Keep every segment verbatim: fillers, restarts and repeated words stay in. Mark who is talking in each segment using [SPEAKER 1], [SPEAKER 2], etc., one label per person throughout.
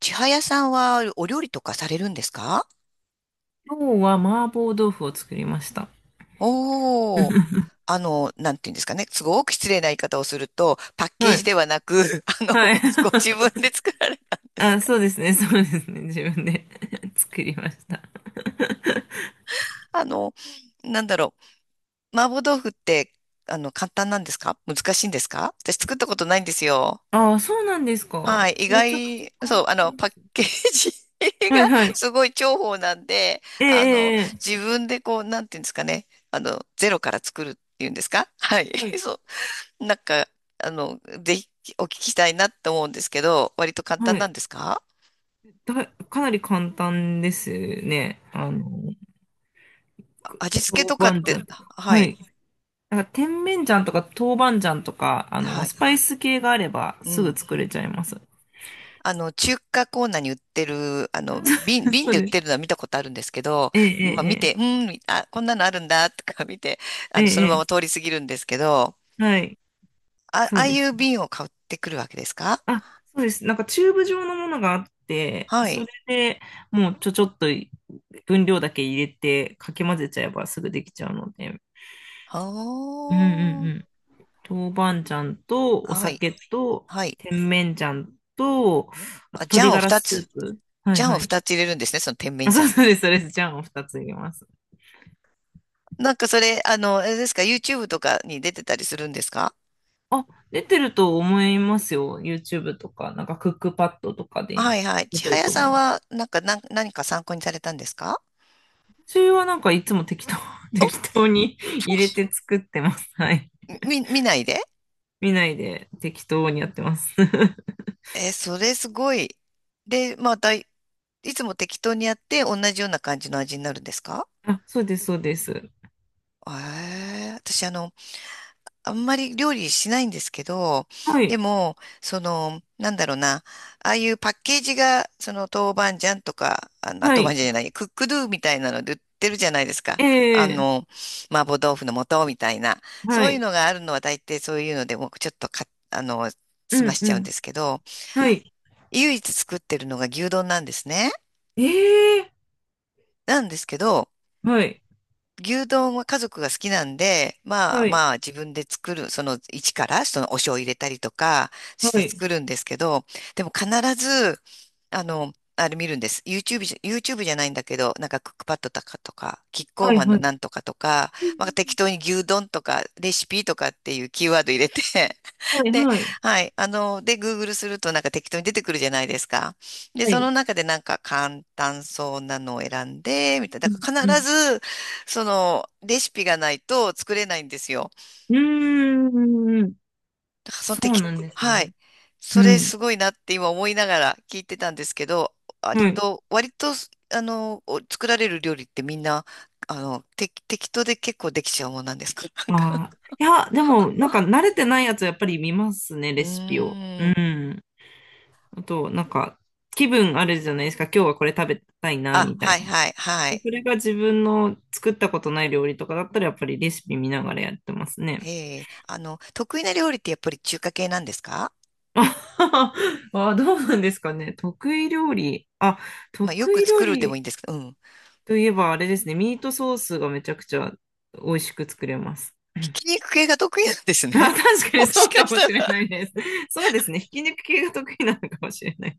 [SPEAKER 1] 千早さんはお料理とかされるんですか？
[SPEAKER 2] 今日は麻婆豆腐を作りました。
[SPEAKER 1] おー。あの、なんていうんですかね。すごく失礼な言い方をすると、パッケー
[SPEAKER 2] は
[SPEAKER 1] ジ
[SPEAKER 2] い。
[SPEAKER 1] ではなく、あの、ご、
[SPEAKER 2] は
[SPEAKER 1] ご
[SPEAKER 2] い。
[SPEAKER 1] 自分で作られたん です
[SPEAKER 2] あ、
[SPEAKER 1] か？
[SPEAKER 2] そうですね。そうですね。自分で 作りました。
[SPEAKER 1] あの、なんだろう。麻婆豆腐って、あの、簡単なんですか難しいんですか？私作ったことないんですよ。
[SPEAKER 2] ああ、そうなんですか。
[SPEAKER 1] はい。意
[SPEAKER 2] めちゃくちゃ
[SPEAKER 1] 外、
[SPEAKER 2] 簡
[SPEAKER 1] そう、あの、
[SPEAKER 2] 単で
[SPEAKER 1] パッ
[SPEAKER 2] すね。
[SPEAKER 1] ケージ
[SPEAKER 2] はい
[SPEAKER 1] が
[SPEAKER 2] はい。
[SPEAKER 1] すごい重宝なんで、
[SPEAKER 2] ええ
[SPEAKER 1] あの、
[SPEAKER 2] えええ
[SPEAKER 1] 自分でこう、なんていうんですかね。あの、ゼロから作るっていうんですか？はい。
[SPEAKER 2] えは い。
[SPEAKER 1] そう。なんか、あの、ぜひお聞きしたいなって思うんですけど、割と簡
[SPEAKER 2] は
[SPEAKER 1] 単な
[SPEAKER 2] い。
[SPEAKER 1] んですか？
[SPEAKER 2] だ、かなり簡単ですね。あの、く
[SPEAKER 1] 味付けとか
[SPEAKER 2] 豆
[SPEAKER 1] っ
[SPEAKER 2] 板
[SPEAKER 1] て、
[SPEAKER 2] 醤とか。
[SPEAKER 1] は
[SPEAKER 2] は
[SPEAKER 1] い、
[SPEAKER 2] い。なんか、甜麺醤とか豆板醤とか、あ
[SPEAKER 1] は
[SPEAKER 2] の、
[SPEAKER 1] い、
[SPEAKER 2] スパイス系があれば
[SPEAKER 1] う
[SPEAKER 2] すぐ
[SPEAKER 1] ん。
[SPEAKER 2] 作れちゃいます。
[SPEAKER 1] あの、中華コーナーに売ってる、あ
[SPEAKER 2] あ
[SPEAKER 1] の、瓶、
[SPEAKER 2] そう
[SPEAKER 1] 瓶
[SPEAKER 2] そう
[SPEAKER 1] で売っ
[SPEAKER 2] です。
[SPEAKER 1] てるのは見たことあるんですけど、
[SPEAKER 2] え
[SPEAKER 1] まあ見
[SPEAKER 2] え
[SPEAKER 1] て、う
[SPEAKER 2] え
[SPEAKER 1] ん、あ、こんなのあるんだ、とか見て、あ
[SPEAKER 2] ええ
[SPEAKER 1] の、
[SPEAKER 2] え
[SPEAKER 1] そ
[SPEAKER 2] え
[SPEAKER 1] の
[SPEAKER 2] え
[SPEAKER 1] ま
[SPEAKER 2] え
[SPEAKER 1] ま
[SPEAKER 2] え
[SPEAKER 1] 通り過ぎるんですけど、
[SPEAKER 2] はい、
[SPEAKER 1] あ、
[SPEAKER 2] そ
[SPEAKER 1] あ
[SPEAKER 2] う
[SPEAKER 1] あ
[SPEAKER 2] で
[SPEAKER 1] い
[SPEAKER 2] す
[SPEAKER 1] う
[SPEAKER 2] ね。
[SPEAKER 1] 瓶を買ってくるわけですか？
[SPEAKER 2] あ、そうです。なんかチューブ状のものがあって、
[SPEAKER 1] は
[SPEAKER 2] そ
[SPEAKER 1] い。
[SPEAKER 2] れでもうちょちょっと分量だけ入れてかき混ぜちゃえばすぐできちゃうので。
[SPEAKER 1] は
[SPEAKER 2] うんうんうん。豆板醤とお
[SPEAKER 1] あ、はい、
[SPEAKER 2] 酒と
[SPEAKER 1] はい。
[SPEAKER 2] 甜麺醤と、あ
[SPEAKER 1] あ、
[SPEAKER 2] と
[SPEAKER 1] ジャ
[SPEAKER 2] 鶏
[SPEAKER 1] ンを
[SPEAKER 2] ガラ
[SPEAKER 1] 2
[SPEAKER 2] ス
[SPEAKER 1] つ、
[SPEAKER 2] ープ。はい
[SPEAKER 1] ジャンを
[SPEAKER 2] はい。
[SPEAKER 1] ふたつ入れるんですね、その甜麺
[SPEAKER 2] あ、そう
[SPEAKER 1] 醤。
[SPEAKER 2] そうです、そうです。醤をふたつ入れます。
[SPEAKER 1] なんかそれ、あの、あれですか、YouTube とかに出てたりするんですか？
[SPEAKER 2] あ、出てると思いますよ。YouTube とか、なんかクックパッドとかで
[SPEAKER 1] はいはい。
[SPEAKER 2] 出
[SPEAKER 1] 千
[SPEAKER 2] てる
[SPEAKER 1] 早
[SPEAKER 2] と思
[SPEAKER 1] さ
[SPEAKER 2] い
[SPEAKER 1] ん
[SPEAKER 2] ます。
[SPEAKER 1] は、なんか、なん、何か参考にされたんですか？
[SPEAKER 2] 私はなんかいつも適当、
[SPEAKER 1] お、
[SPEAKER 2] 適当に入
[SPEAKER 1] そ
[SPEAKER 2] れて作ってます。はい。
[SPEAKER 1] う、み、見ないで？
[SPEAKER 2] 見ないで適当にやってます。
[SPEAKER 1] えーそれすごい。で、また、いいつも適当にやって、同じような感じの味になるんですか？
[SPEAKER 2] あ、そうです、そうです。
[SPEAKER 1] えー、私、あの、あんまり料理しないんですけど、
[SPEAKER 2] は
[SPEAKER 1] で
[SPEAKER 2] い。
[SPEAKER 1] も、その、なんだろうな、ああいうパッケージが、その豆板醤とか、あの、あ
[SPEAKER 2] は
[SPEAKER 1] 豆板醤
[SPEAKER 2] い。
[SPEAKER 1] じゃない、クックドゥみたいなので売ってるじゃないですか。あ
[SPEAKER 2] ええ
[SPEAKER 1] の、麻婆豆腐の素みたいな。
[SPEAKER 2] は
[SPEAKER 1] そういう
[SPEAKER 2] い。
[SPEAKER 1] のがあるのは大抵そういうので、僕ちょっとか、あの、済
[SPEAKER 2] う
[SPEAKER 1] ま
[SPEAKER 2] ん、
[SPEAKER 1] しち
[SPEAKER 2] う
[SPEAKER 1] ゃうん
[SPEAKER 2] ん。
[SPEAKER 1] ですけど、
[SPEAKER 2] はい。
[SPEAKER 1] 唯一作ってるのが牛丼なんですね。
[SPEAKER 2] ええ
[SPEAKER 1] なんですけど、
[SPEAKER 2] はい。
[SPEAKER 1] 牛丼は家族が好きなんで、まあ
[SPEAKER 2] はい。
[SPEAKER 1] まあ自分で作る、その一からそのお醤油入れたりとかし
[SPEAKER 2] は
[SPEAKER 1] て
[SPEAKER 2] い。
[SPEAKER 1] 作るんですけど、でも必ず、あの、あれ見るんです。YouTube じゃ、YouTube じゃないんだけど、なんかクックパッドとかとか、キッコー
[SPEAKER 2] はい、
[SPEAKER 1] マン
[SPEAKER 2] は
[SPEAKER 1] の
[SPEAKER 2] い。
[SPEAKER 1] なんとかとか、
[SPEAKER 2] うんう
[SPEAKER 1] まあ適
[SPEAKER 2] ん
[SPEAKER 1] 当に牛丼とかレシピとかっていうキーワード入れて、
[SPEAKER 2] うん
[SPEAKER 1] で、
[SPEAKER 2] はい、はい。
[SPEAKER 1] はい。あの、で、Google するとなんか適当に出てくるじゃないですか。で、
[SPEAKER 2] は
[SPEAKER 1] その
[SPEAKER 2] い。
[SPEAKER 1] 中でなんか簡単そうなのを選んで、みたいな。
[SPEAKER 2] う
[SPEAKER 1] だ
[SPEAKER 2] ん、
[SPEAKER 1] から
[SPEAKER 2] う
[SPEAKER 1] 必
[SPEAKER 2] ん。
[SPEAKER 1] ず、その、レシピがないと作れないんですよ。
[SPEAKER 2] うーん。
[SPEAKER 1] だからその
[SPEAKER 2] そう
[SPEAKER 1] 適、
[SPEAKER 2] なんです
[SPEAKER 1] はい。
[SPEAKER 2] ね。う
[SPEAKER 1] それ
[SPEAKER 2] ん。
[SPEAKER 1] すごいなって今思いながら聞いてたんですけど、割
[SPEAKER 2] はい。
[SPEAKER 1] と、割と、あの、お作られる料理ってみんな、あの、て適当で結構できちゃうもんなんですか？ なんか
[SPEAKER 2] ああ。いや、でも、なんか慣れてないやつやっぱり見ますね、
[SPEAKER 1] う
[SPEAKER 2] レシピを。う
[SPEAKER 1] ーん。
[SPEAKER 2] ん。あと、なんか、気分あるじゃないですか。今日はこれ食べたいな、
[SPEAKER 1] あ、
[SPEAKER 2] みた
[SPEAKER 1] は
[SPEAKER 2] い
[SPEAKER 1] い
[SPEAKER 2] な。
[SPEAKER 1] はいは
[SPEAKER 2] で
[SPEAKER 1] い。
[SPEAKER 2] それが自分の作ったことない料理とかだったら、やっぱりレシピ見ながらやってますね。
[SPEAKER 1] ええ、あの、得意な料理ってやっぱり中華系なんですか？
[SPEAKER 2] あ あ、どうなんですかね。得意料理。あ、
[SPEAKER 1] まあ、よ
[SPEAKER 2] 得
[SPEAKER 1] く
[SPEAKER 2] 意料
[SPEAKER 1] 作るでもいいん
[SPEAKER 2] 理
[SPEAKER 1] ですけど、うん。
[SPEAKER 2] といえばあれですね。ミートソースがめちゃくちゃ美味しく作れます。
[SPEAKER 1] ひき 肉系が得意なんです
[SPEAKER 2] あ、
[SPEAKER 1] ね。
[SPEAKER 2] 確 か
[SPEAKER 1] も
[SPEAKER 2] にそ
[SPEAKER 1] し
[SPEAKER 2] う
[SPEAKER 1] か
[SPEAKER 2] か
[SPEAKER 1] し
[SPEAKER 2] も
[SPEAKER 1] た
[SPEAKER 2] しれ
[SPEAKER 1] ら、
[SPEAKER 2] ないです。そうですね。ひき肉系が得意なのかもしれない。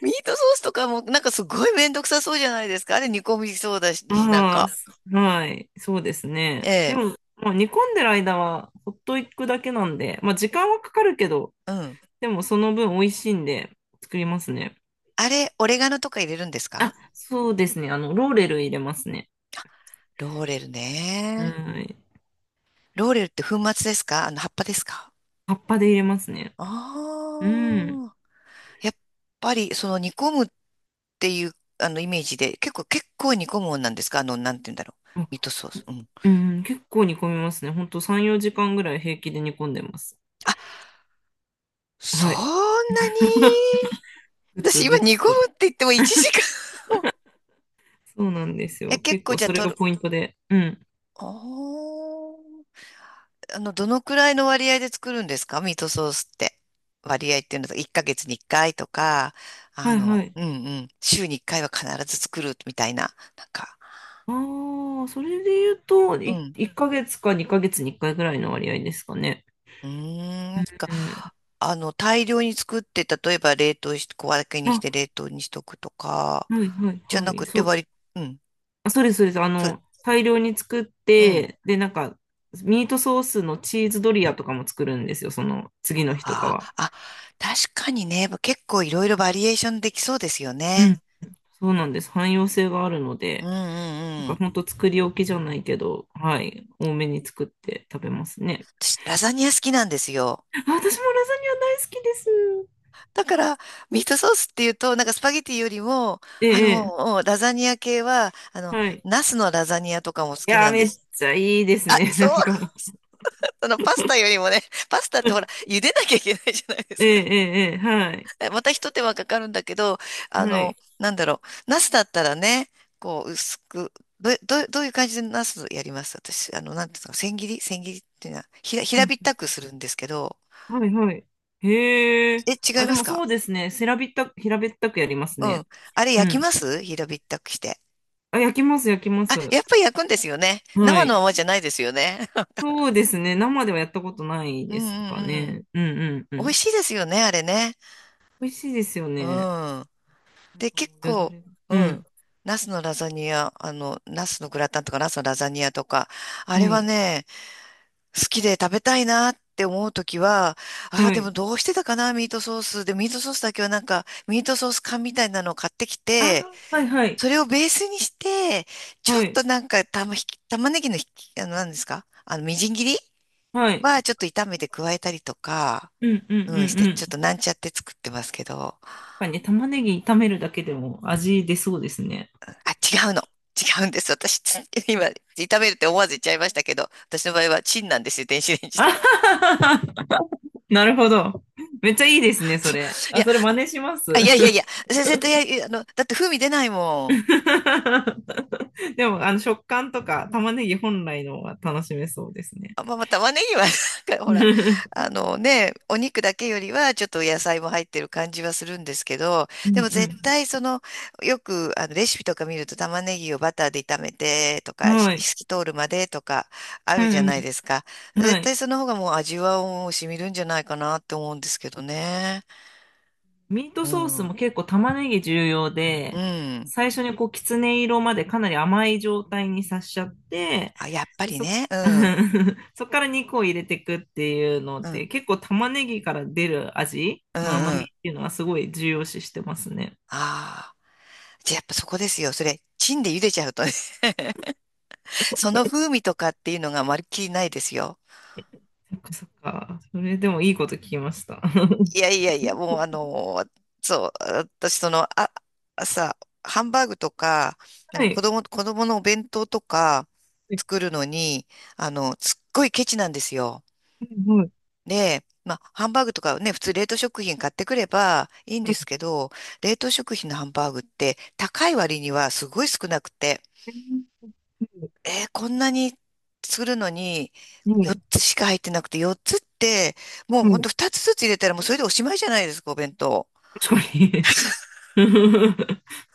[SPEAKER 1] ミートソースとかも、なんかすごいめんどくさそうじゃないですか。あれ煮込みそうだし、なん
[SPEAKER 2] ああ、
[SPEAKER 1] か。
[SPEAKER 2] すはい、そうです
[SPEAKER 1] え
[SPEAKER 2] ね。で
[SPEAKER 1] え、
[SPEAKER 2] も、まあ、煮込んでる間はほっといくだけなんで、まあ、時間はかかるけど、
[SPEAKER 1] うん。
[SPEAKER 2] でもその分美味しいんで作りますね。
[SPEAKER 1] あれ、オレガノとか入れるんですか？
[SPEAKER 2] そうですね。あの、ローレル入れますね。
[SPEAKER 1] ローレルね。
[SPEAKER 2] はい。
[SPEAKER 1] ローレルって粉末ですか？あの、葉っぱですか？
[SPEAKER 2] 葉っぱで入れますね。うん。
[SPEAKER 1] ああやっぱり、その煮込むっていう、あの、イメージで、結構、結構煮込むもんなんですか？あの、なんて言うんだろう。
[SPEAKER 2] あ
[SPEAKER 1] ミートソース。うん。
[SPEAKER 2] うん、結構煮込みますね。ほんとさん、よじかんぐらい平気で煮込んでます。
[SPEAKER 1] あ、そん
[SPEAKER 2] はい。
[SPEAKER 1] なに
[SPEAKER 2] ぐ
[SPEAKER 1] 私
[SPEAKER 2] つ
[SPEAKER 1] 今
[SPEAKER 2] ぐ
[SPEAKER 1] 煮
[SPEAKER 2] つ
[SPEAKER 1] 込む
[SPEAKER 2] と。
[SPEAKER 1] って言ってもいちじかん。
[SPEAKER 2] そうなんです
[SPEAKER 1] え、
[SPEAKER 2] よ。
[SPEAKER 1] 結
[SPEAKER 2] 結
[SPEAKER 1] 構
[SPEAKER 2] 構
[SPEAKER 1] じゃあ
[SPEAKER 2] それ
[SPEAKER 1] 取
[SPEAKER 2] が
[SPEAKER 1] る。
[SPEAKER 2] ポイントで。うん。
[SPEAKER 1] おー。あの、どのくらいの割合で作るんですか？ミートソースって。割合っていうのと、いっかげつにいっかいとか、あ
[SPEAKER 2] はいは
[SPEAKER 1] の、
[SPEAKER 2] い。
[SPEAKER 1] うんうん。週にいっかいは必ず作るみたいな。なんか、
[SPEAKER 2] ああ、それで言うと、
[SPEAKER 1] う
[SPEAKER 2] い、
[SPEAKER 1] ん。
[SPEAKER 2] いっかげつかにかげつにいっかいぐらいの割合ですかね。
[SPEAKER 1] うーん、か、
[SPEAKER 2] うん。
[SPEAKER 1] あの、大量に作って、例えば冷凍して、小分けにして
[SPEAKER 2] あ、
[SPEAKER 1] 冷凍にしとくとか、
[SPEAKER 2] はいはい
[SPEAKER 1] じゃ
[SPEAKER 2] は
[SPEAKER 1] な
[SPEAKER 2] い。
[SPEAKER 1] くて
[SPEAKER 2] そう、
[SPEAKER 1] 割り、うん、
[SPEAKER 2] あ、そうですそうです。あ
[SPEAKER 1] そう、
[SPEAKER 2] の、大量に作っ
[SPEAKER 1] うん。
[SPEAKER 2] て、で、なんか、ミートソースのチーズドリアとかも作るんですよ、その次の日とか
[SPEAKER 1] あ
[SPEAKER 2] は。
[SPEAKER 1] あ、あ、確かにね、結構いろいろバリエーションできそうですよ
[SPEAKER 2] うん。
[SPEAKER 1] ね。
[SPEAKER 2] そうなんです。汎用性があるの
[SPEAKER 1] うんう
[SPEAKER 2] で、なん
[SPEAKER 1] んう
[SPEAKER 2] か
[SPEAKER 1] ん。
[SPEAKER 2] 本当作り置きじゃないけど、はい、多めに作って食べますね。
[SPEAKER 1] 私、ラザニア好きなんですよ。
[SPEAKER 2] あ、私もラザニア大好きです。
[SPEAKER 1] だから、ミートソースっていうと、なんかスパゲティよりも、
[SPEAKER 2] え
[SPEAKER 1] あの、
[SPEAKER 2] え、
[SPEAKER 1] もうラザニア系は、あの、
[SPEAKER 2] はい。
[SPEAKER 1] ナスのラザニアとかも好
[SPEAKER 2] い
[SPEAKER 1] き
[SPEAKER 2] や
[SPEAKER 1] な
[SPEAKER 2] ー、
[SPEAKER 1] ん
[SPEAKER 2] め
[SPEAKER 1] で
[SPEAKER 2] っ
[SPEAKER 1] す。
[SPEAKER 2] ちゃいいです
[SPEAKER 1] あ、
[SPEAKER 2] ね。
[SPEAKER 1] そ
[SPEAKER 2] なんか
[SPEAKER 1] う
[SPEAKER 2] もう。
[SPEAKER 1] そのパスタよりもね、パスタってほら、茹でなきゃいけないじゃないで
[SPEAKER 2] え
[SPEAKER 1] す
[SPEAKER 2] え、
[SPEAKER 1] か。
[SPEAKER 2] ええ、ええはい。
[SPEAKER 1] また一手間かかるんだけど、あ
[SPEAKER 2] はい。
[SPEAKER 1] の、なんだろう、ナスだったらね、こう、薄く、どう、どう、どういう感じでナスやります？私、あの、なんていうの、千切り千切りっていうのは、ひら、
[SPEAKER 2] う
[SPEAKER 1] 平
[SPEAKER 2] ん、
[SPEAKER 1] べったくするんですけど、
[SPEAKER 2] はい、はい。へえ。
[SPEAKER 1] え、違い
[SPEAKER 2] あ、で
[SPEAKER 1] ます
[SPEAKER 2] も
[SPEAKER 1] か？
[SPEAKER 2] そうですね。せらびった、平べったくやります
[SPEAKER 1] う
[SPEAKER 2] ね。
[SPEAKER 1] ん。あれ
[SPEAKER 2] う
[SPEAKER 1] 焼き
[SPEAKER 2] ん。
[SPEAKER 1] ます？平べったくして。
[SPEAKER 2] あ、焼きます、焼きま
[SPEAKER 1] あ、
[SPEAKER 2] す。
[SPEAKER 1] やっぱり焼くんですよね。
[SPEAKER 2] は
[SPEAKER 1] 生の
[SPEAKER 2] い。
[SPEAKER 1] ままじゃないですよね。
[SPEAKER 2] そうですね。生ではやったことない
[SPEAKER 1] うん
[SPEAKER 2] ですか
[SPEAKER 1] うん
[SPEAKER 2] ね。うん、うん、う
[SPEAKER 1] うん。美味
[SPEAKER 2] ん。
[SPEAKER 1] しいですよね、あれね。
[SPEAKER 2] 美味しいですよ
[SPEAKER 1] う
[SPEAKER 2] ね。
[SPEAKER 1] ん。
[SPEAKER 2] なん
[SPEAKER 1] で、
[SPEAKER 2] かも
[SPEAKER 1] 結
[SPEAKER 2] うよだ
[SPEAKER 1] 構、
[SPEAKER 2] れが。
[SPEAKER 1] う
[SPEAKER 2] うん。
[SPEAKER 1] ん。ナスのラザニア、あの、ナスのグラタンとかナスのラザニアとか、あ
[SPEAKER 2] は
[SPEAKER 1] れは
[SPEAKER 2] い。
[SPEAKER 1] ね、好きで食べたいなって思うときは、ああ、
[SPEAKER 2] は
[SPEAKER 1] でも
[SPEAKER 2] い。
[SPEAKER 1] どうしてたかな、ミートソース。で、ミートソースだけはなんか、ミートソース缶みたいなのを買ってき
[SPEAKER 2] あ
[SPEAKER 1] て、
[SPEAKER 2] ー、はい、はい。
[SPEAKER 1] それをベースにして、ちょ
[SPEAKER 2] は
[SPEAKER 1] っ
[SPEAKER 2] い。
[SPEAKER 1] となんか、玉ひき、玉ねぎのひき、あの、何ですか？あの、みじん切り
[SPEAKER 2] はい。
[SPEAKER 1] はちょっと炒めて加えたりとか、
[SPEAKER 2] うん、うん、う
[SPEAKER 1] うん、し
[SPEAKER 2] ん、うん。
[SPEAKER 1] て、
[SPEAKER 2] や
[SPEAKER 1] ちょっと
[SPEAKER 2] っ
[SPEAKER 1] なんちゃって作ってますけど。
[SPEAKER 2] ぱりね、玉ねぎ炒めるだけでも味出そうですね。
[SPEAKER 1] あ、違うの。違うんです。私、つ 今、炒めるって思わず言っちゃいましたけど、私の場合はチンなんですよ、電子レンジ
[SPEAKER 2] あは
[SPEAKER 1] で。
[SPEAKER 2] ははなるほど。めっちゃいいですね、そ
[SPEAKER 1] そう
[SPEAKER 2] れ。
[SPEAKER 1] い
[SPEAKER 2] あ、
[SPEAKER 1] や、
[SPEAKER 2] それ真似します。
[SPEAKER 1] あ、いやいやいや、先生と、いや、いやあの、だって風味出ないもん。
[SPEAKER 2] でも、あの、食感とか玉ねぎ本来のが楽しめそうですね。
[SPEAKER 1] あ、まあ、まあ玉ねぎは なんかほら、あ のね、お肉だけよりはちょっと野菜も入ってる感じはするんですけど、
[SPEAKER 2] うん
[SPEAKER 1] でも
[SPEAKER 2] う
[SPEAKER 1] 絶対その、よくあのレシピとか見ると玉ねぎをバターで炒めてと
[SPEAKER 2] ん。
[SPEAKER 1] か、し
[SPEAKER 2] はい。
[SPEAKER 1] 透き通るまでとかあ
[SPEAKER 2] う
[SPEAKER 1] るじゃない
[SPEAKER 2] ん
[SPEAKER 1] ですか。
[SPEAKER 2] うん。
[SPEAKER 1] 絶
[SPEAKER 2] はい。
[SPEAKER 1] 対その方がもう味はもう染みるんじゃないかなって思うんですけどね。
[SPEAKER 2] ミート
[SPEAKER 1] う
[SPEAKER 2] ソース
[SPEAKER 1] ん。
[SPEAKER 2] も結構玉ねぎ重要
[SPEAKER 1] う
[SPEAKER 2] で、
[SPEAKER 1] ん。
[SPEAKER 2] 最初にこう、きつね色までかなり甘い状態にさしちゃって、
[SPEAKER 1] あ、やっぱ
[SPEAKER 2] で、
[SPEAKER 1] り
[SPEAKER 2] そ、
[SPEAKER 1] ね。うん。
[SPEAKER 2] そっから肉を入れていくっていうの
[SPEAKER 1] うん。
[SPEAKER 2] で、結構玉ねぎから出る味
[SPEAKER 1] うん
[SPEAKER 2] の甘
[SPEAKER 1] う
[SPEAKER 2] み
[SPEAKER 1] ん。
[SPEAKER 2] っ
[SPEAKER 1] あ
[SPEAKER 2] ていうのはすごい重要視してますね。
[SPEAKER 1] あ。じゃあやっぱそこですよ。それ、チンで茹でちゃうとね。その風味とかっていうのがまるっきりないですよ。
[SPEAKER 2] そっかそっか。それでもいいこと聞きました。
[SPEAKER 1] いやいやいや、もうあの、そう、私その、あ、朝、ハンバーグとか、あ
[SPEAKER 2] は
[SPEAKER 1] の子
[SPEAKER 2] い。
[SPEAKER 1] 供、子供のお弁当とか
[SPEAKER 2] はい
[SPEAKER 1] 作るのに、あの、すっごいケチなんですよ。
[SPEAKER 2] うん
[SPEAKER 1] で、まあ、ハンバーグとかね、普通冷凍食品買ってくればいいん
[SPEAKER 2] は
[SPEAKER 1] で
[SPEAKER 2] い
[SPEAKER 1] すけど、冷凍食品のハンバーグって高い割にはすごい少なくて、
[SPEAKER 2] うん
[SPEAKER 1] えーこんなにするのに
[SPEAKER 2] は
[SPEAKER 1] 4
[SPEAKER 2] い
[SPEAKER 1] つしか入ってなくて、よっつって、もう
[SPEAKER 2] はい
[SPEAKER 1] ほん
[SPEAKER 2] は
[SPEAKER 1] と
[SPEAKER 2] い
[SPEAKER 1] ふたつずつ入れたらもうそれでおしまいじゃないですか、お弁当。
[SPEAKER 2] 確かに。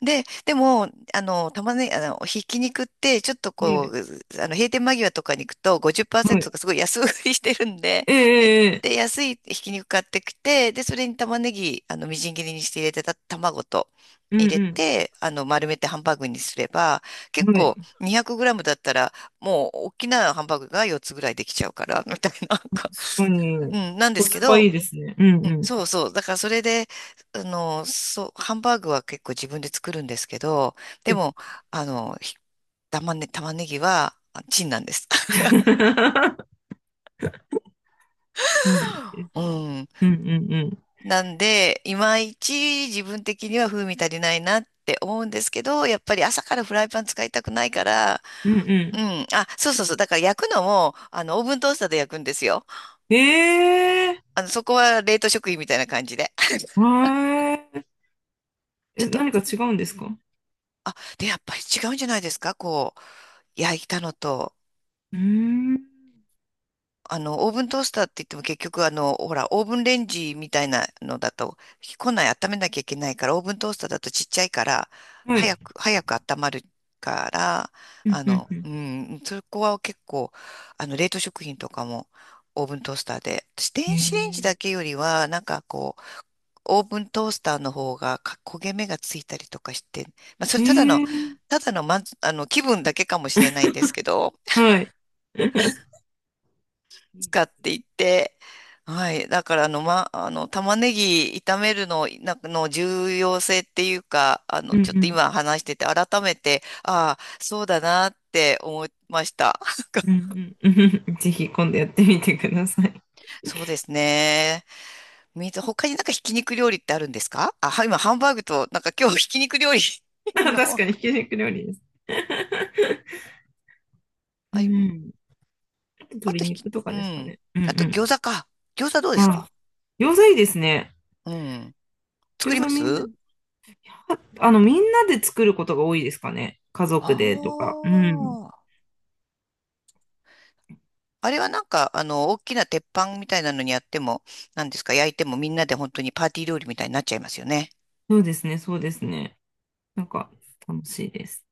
[SPEAKER 1] で、でも、あの、玉ね、あの、ひき肉って、ちょっと
[SPEAKER 2] は
[SPEAKER 1] こう、
[SPEAKER 2] い。
[SPEAKER 1] あの、閉店間際とかに行くと
[SPEAKER 2] は
[SPEAKER 1] ごじゅっパーセントと
[SPEAKER 2] い。
[SPEAKER 1] かすごい安売りしてるんで、で、
[SPEAKER 2] えええ
[SPEAKER 1] で、
[SPEAKER 2] え
[SPEAKER 1] 安いひき肉買ってきて、で、それに玉ねぎ、あの、みじん切りにして入れてた卵と
[SPEAKER 2] う
[SPEAKER 1] 入れ
[SPEAKER 2] ん
[SPEAKER 1] て、あの、丸めてハンバーグにすれば、
[SPEAKER 2] う
[SPEAKER 1] 結
[SPEAKER 2] ん。は
[SPEAKER 1] 構
[SPEAKER 2] い。
[SPEAKER 1] に ゼロ れいムだったら、もう、大きなハンバーグがよっつぐらいできちゃうから、みたいな、なんか
[SPEAKER 2] 確かに、
[SPEAKER 1] うん、なんで
[SPEAKER 2] コ
[SPEAKER 1] すけ
[SPEAKER 2] スパ
[SPEAKER 1] ど、
[SPEAKER 2] いいですね。うん
[SPEAKER 1] う
[SPEAKER 2] う
[SPEAKER 1] ん、
[SPEAKER 2] ん。
[SPEAKER 1] そうそう。だからそれで、あの、そう、ハンバーグは結構自分で作るんですけど、でも、あの、ひ玉ね、玉ねぎはあチンなんです。
[SPEAKER 2] そうです
[SPEAKER 1] う
[SPEAKER 2] ね。
[SPEAKER 1] ん。
[SPEAKER 2] うんうんうん。
[SPEAKER 1] なんで、いまいち自分的には風味足りないなって思うんですけど、やっぱり朝からフライパン使いたくないから、
[SPEAKER 2] うん
[SPEAKER 1] う
[SPEAKER 2] う
[SPEAKER 1] ん。あ、そうそうそう。だから焼くのも、あの、オーブントースターで焼くんですよ。
[SPEAKER 2] ん。ええ
[SPEAKER 1] あの、そこは冷凍食品みたいな感じで。
[SPEAKER 2] ー、わー
[SPEAKER 1] ちょっ
[SPEAKER 2] え、
[SPEAKER 1] と、
[SPEAKER 2] 何か違うんですか？
[SPEAKER 1] あ、で、やっぱり違うんじゃないですか？こう、焼いたのと。
[SPEAKER 2] うーん。
[SPEAKER 1] あの、オーブントースターって言っても結局あの、ほら、オーブンレンジみたいなのだと、庫内温めなきゃいけないから、オーブントースターだとちっちゃいから、
[SPEAKER 2] は
[SPEAKER 1] 早
[SPEAKER 2] い。
[SPEAKER 1] く、早く温まるから、
[SPEAKER 2] うん
[SPEAKER 1] あ
[SPEAKER 2] う
[SPEAKER 1] の、う
[SPEAKER 2] ん
[SPEAKER 1] ん、そこは結構、あの、冷凍食品とかも、オーブントースターで。私、
[SPEAKER 2] うん。
[SPEAKER 1] 電子レンジだけ
[SPEAKER 2] え
[SPEAKER 1] よりは、なんかこう、オーブントースターの方がか焦げ目がついたりとかして、まあ、そ
[SPEAKER 2] ー、
[SPEAKER 1] れ
[SPEAKER 2] え
[SPEAKER 1] ただの、
[SPEAKER 2] ー、
[SPEAKER 1] ただの、まんあの、気分だけかもしれないんですけど、
[SPEAKER 2] はい。いい
[SPEAKER 1] 使
[SPEAKER 2] で
[SPEAKER 1] っ
[SPEAKER 2] すね。
[SPEAKER 1] ていて、はい。だから、あの、ま、あの、玉ねぎ炒めるの、なんかの重要性っていうか、あ
[SPEAKER 2] う
[SPEAKER 1] の、
[SPEAKER 2] んう
[SPEAKER 1] ちょっと
[SPEAKER 2] ん
[SPEAKER 1] 今話してて、改めて、ああ、そうだなって思いました。
[SPEAKER 2] うんうんうん。ぜひ今度やってみてください。
[SPEAKER 1] そうですね。み他になんかひき肉料理ってあるんですか？あ、はい今、ハンバーグと、なんか今日ひき肉料理
[SPEAKER 2] 確
[SPEAKER 1] の、
[SPEAKER 2] かにひき肉料理です。う
[SPEAKER 1] あ、
[SPEAKER 2] ん。あと
[SPEAKER 1] あ
[SPEAKER 2] 鶏
[SPEAKER 1] とひき、
[SPEAKER 2] 肉と
[SPEAKER 1] う
[SPEAKER 2] かですか
[SPEAKER 1] ん。
[SPEAKER 2] ね。うん
[SPEAKER 1] あと餃
[SPEAKER 2] う
[SPEAKER 1] 子か。餃子どうで
[SPEAKER 2] ん。
[SPEAKER 1] す
[SPEAKER 2] あ、
[SPEAKER 1] か？
[SPEAKER 2] 餃子いいですね。
[SPEAKER 1] うん。作
[SPEAKER 2] 餃
[SPEAKER 1] りま
[SPEAKER 2] 子みんな、
[SPEAKER 1] す？
[SPEAKER 2] はあの、みんなで作ることが多いですかね。家
[SPEAKER 1] あ
[SPEAKER 2] 族でとか。うん。
[SPEAKER 1] あー。あれはなんか、あの、大きな鉄板みたいなのにやっても、なんですか、焼いてもみんなで本当にパーティー料理みたいになっちゃいますよね。
[SPEAKER 2] そうですね、そうですね。なんか、楽しいです。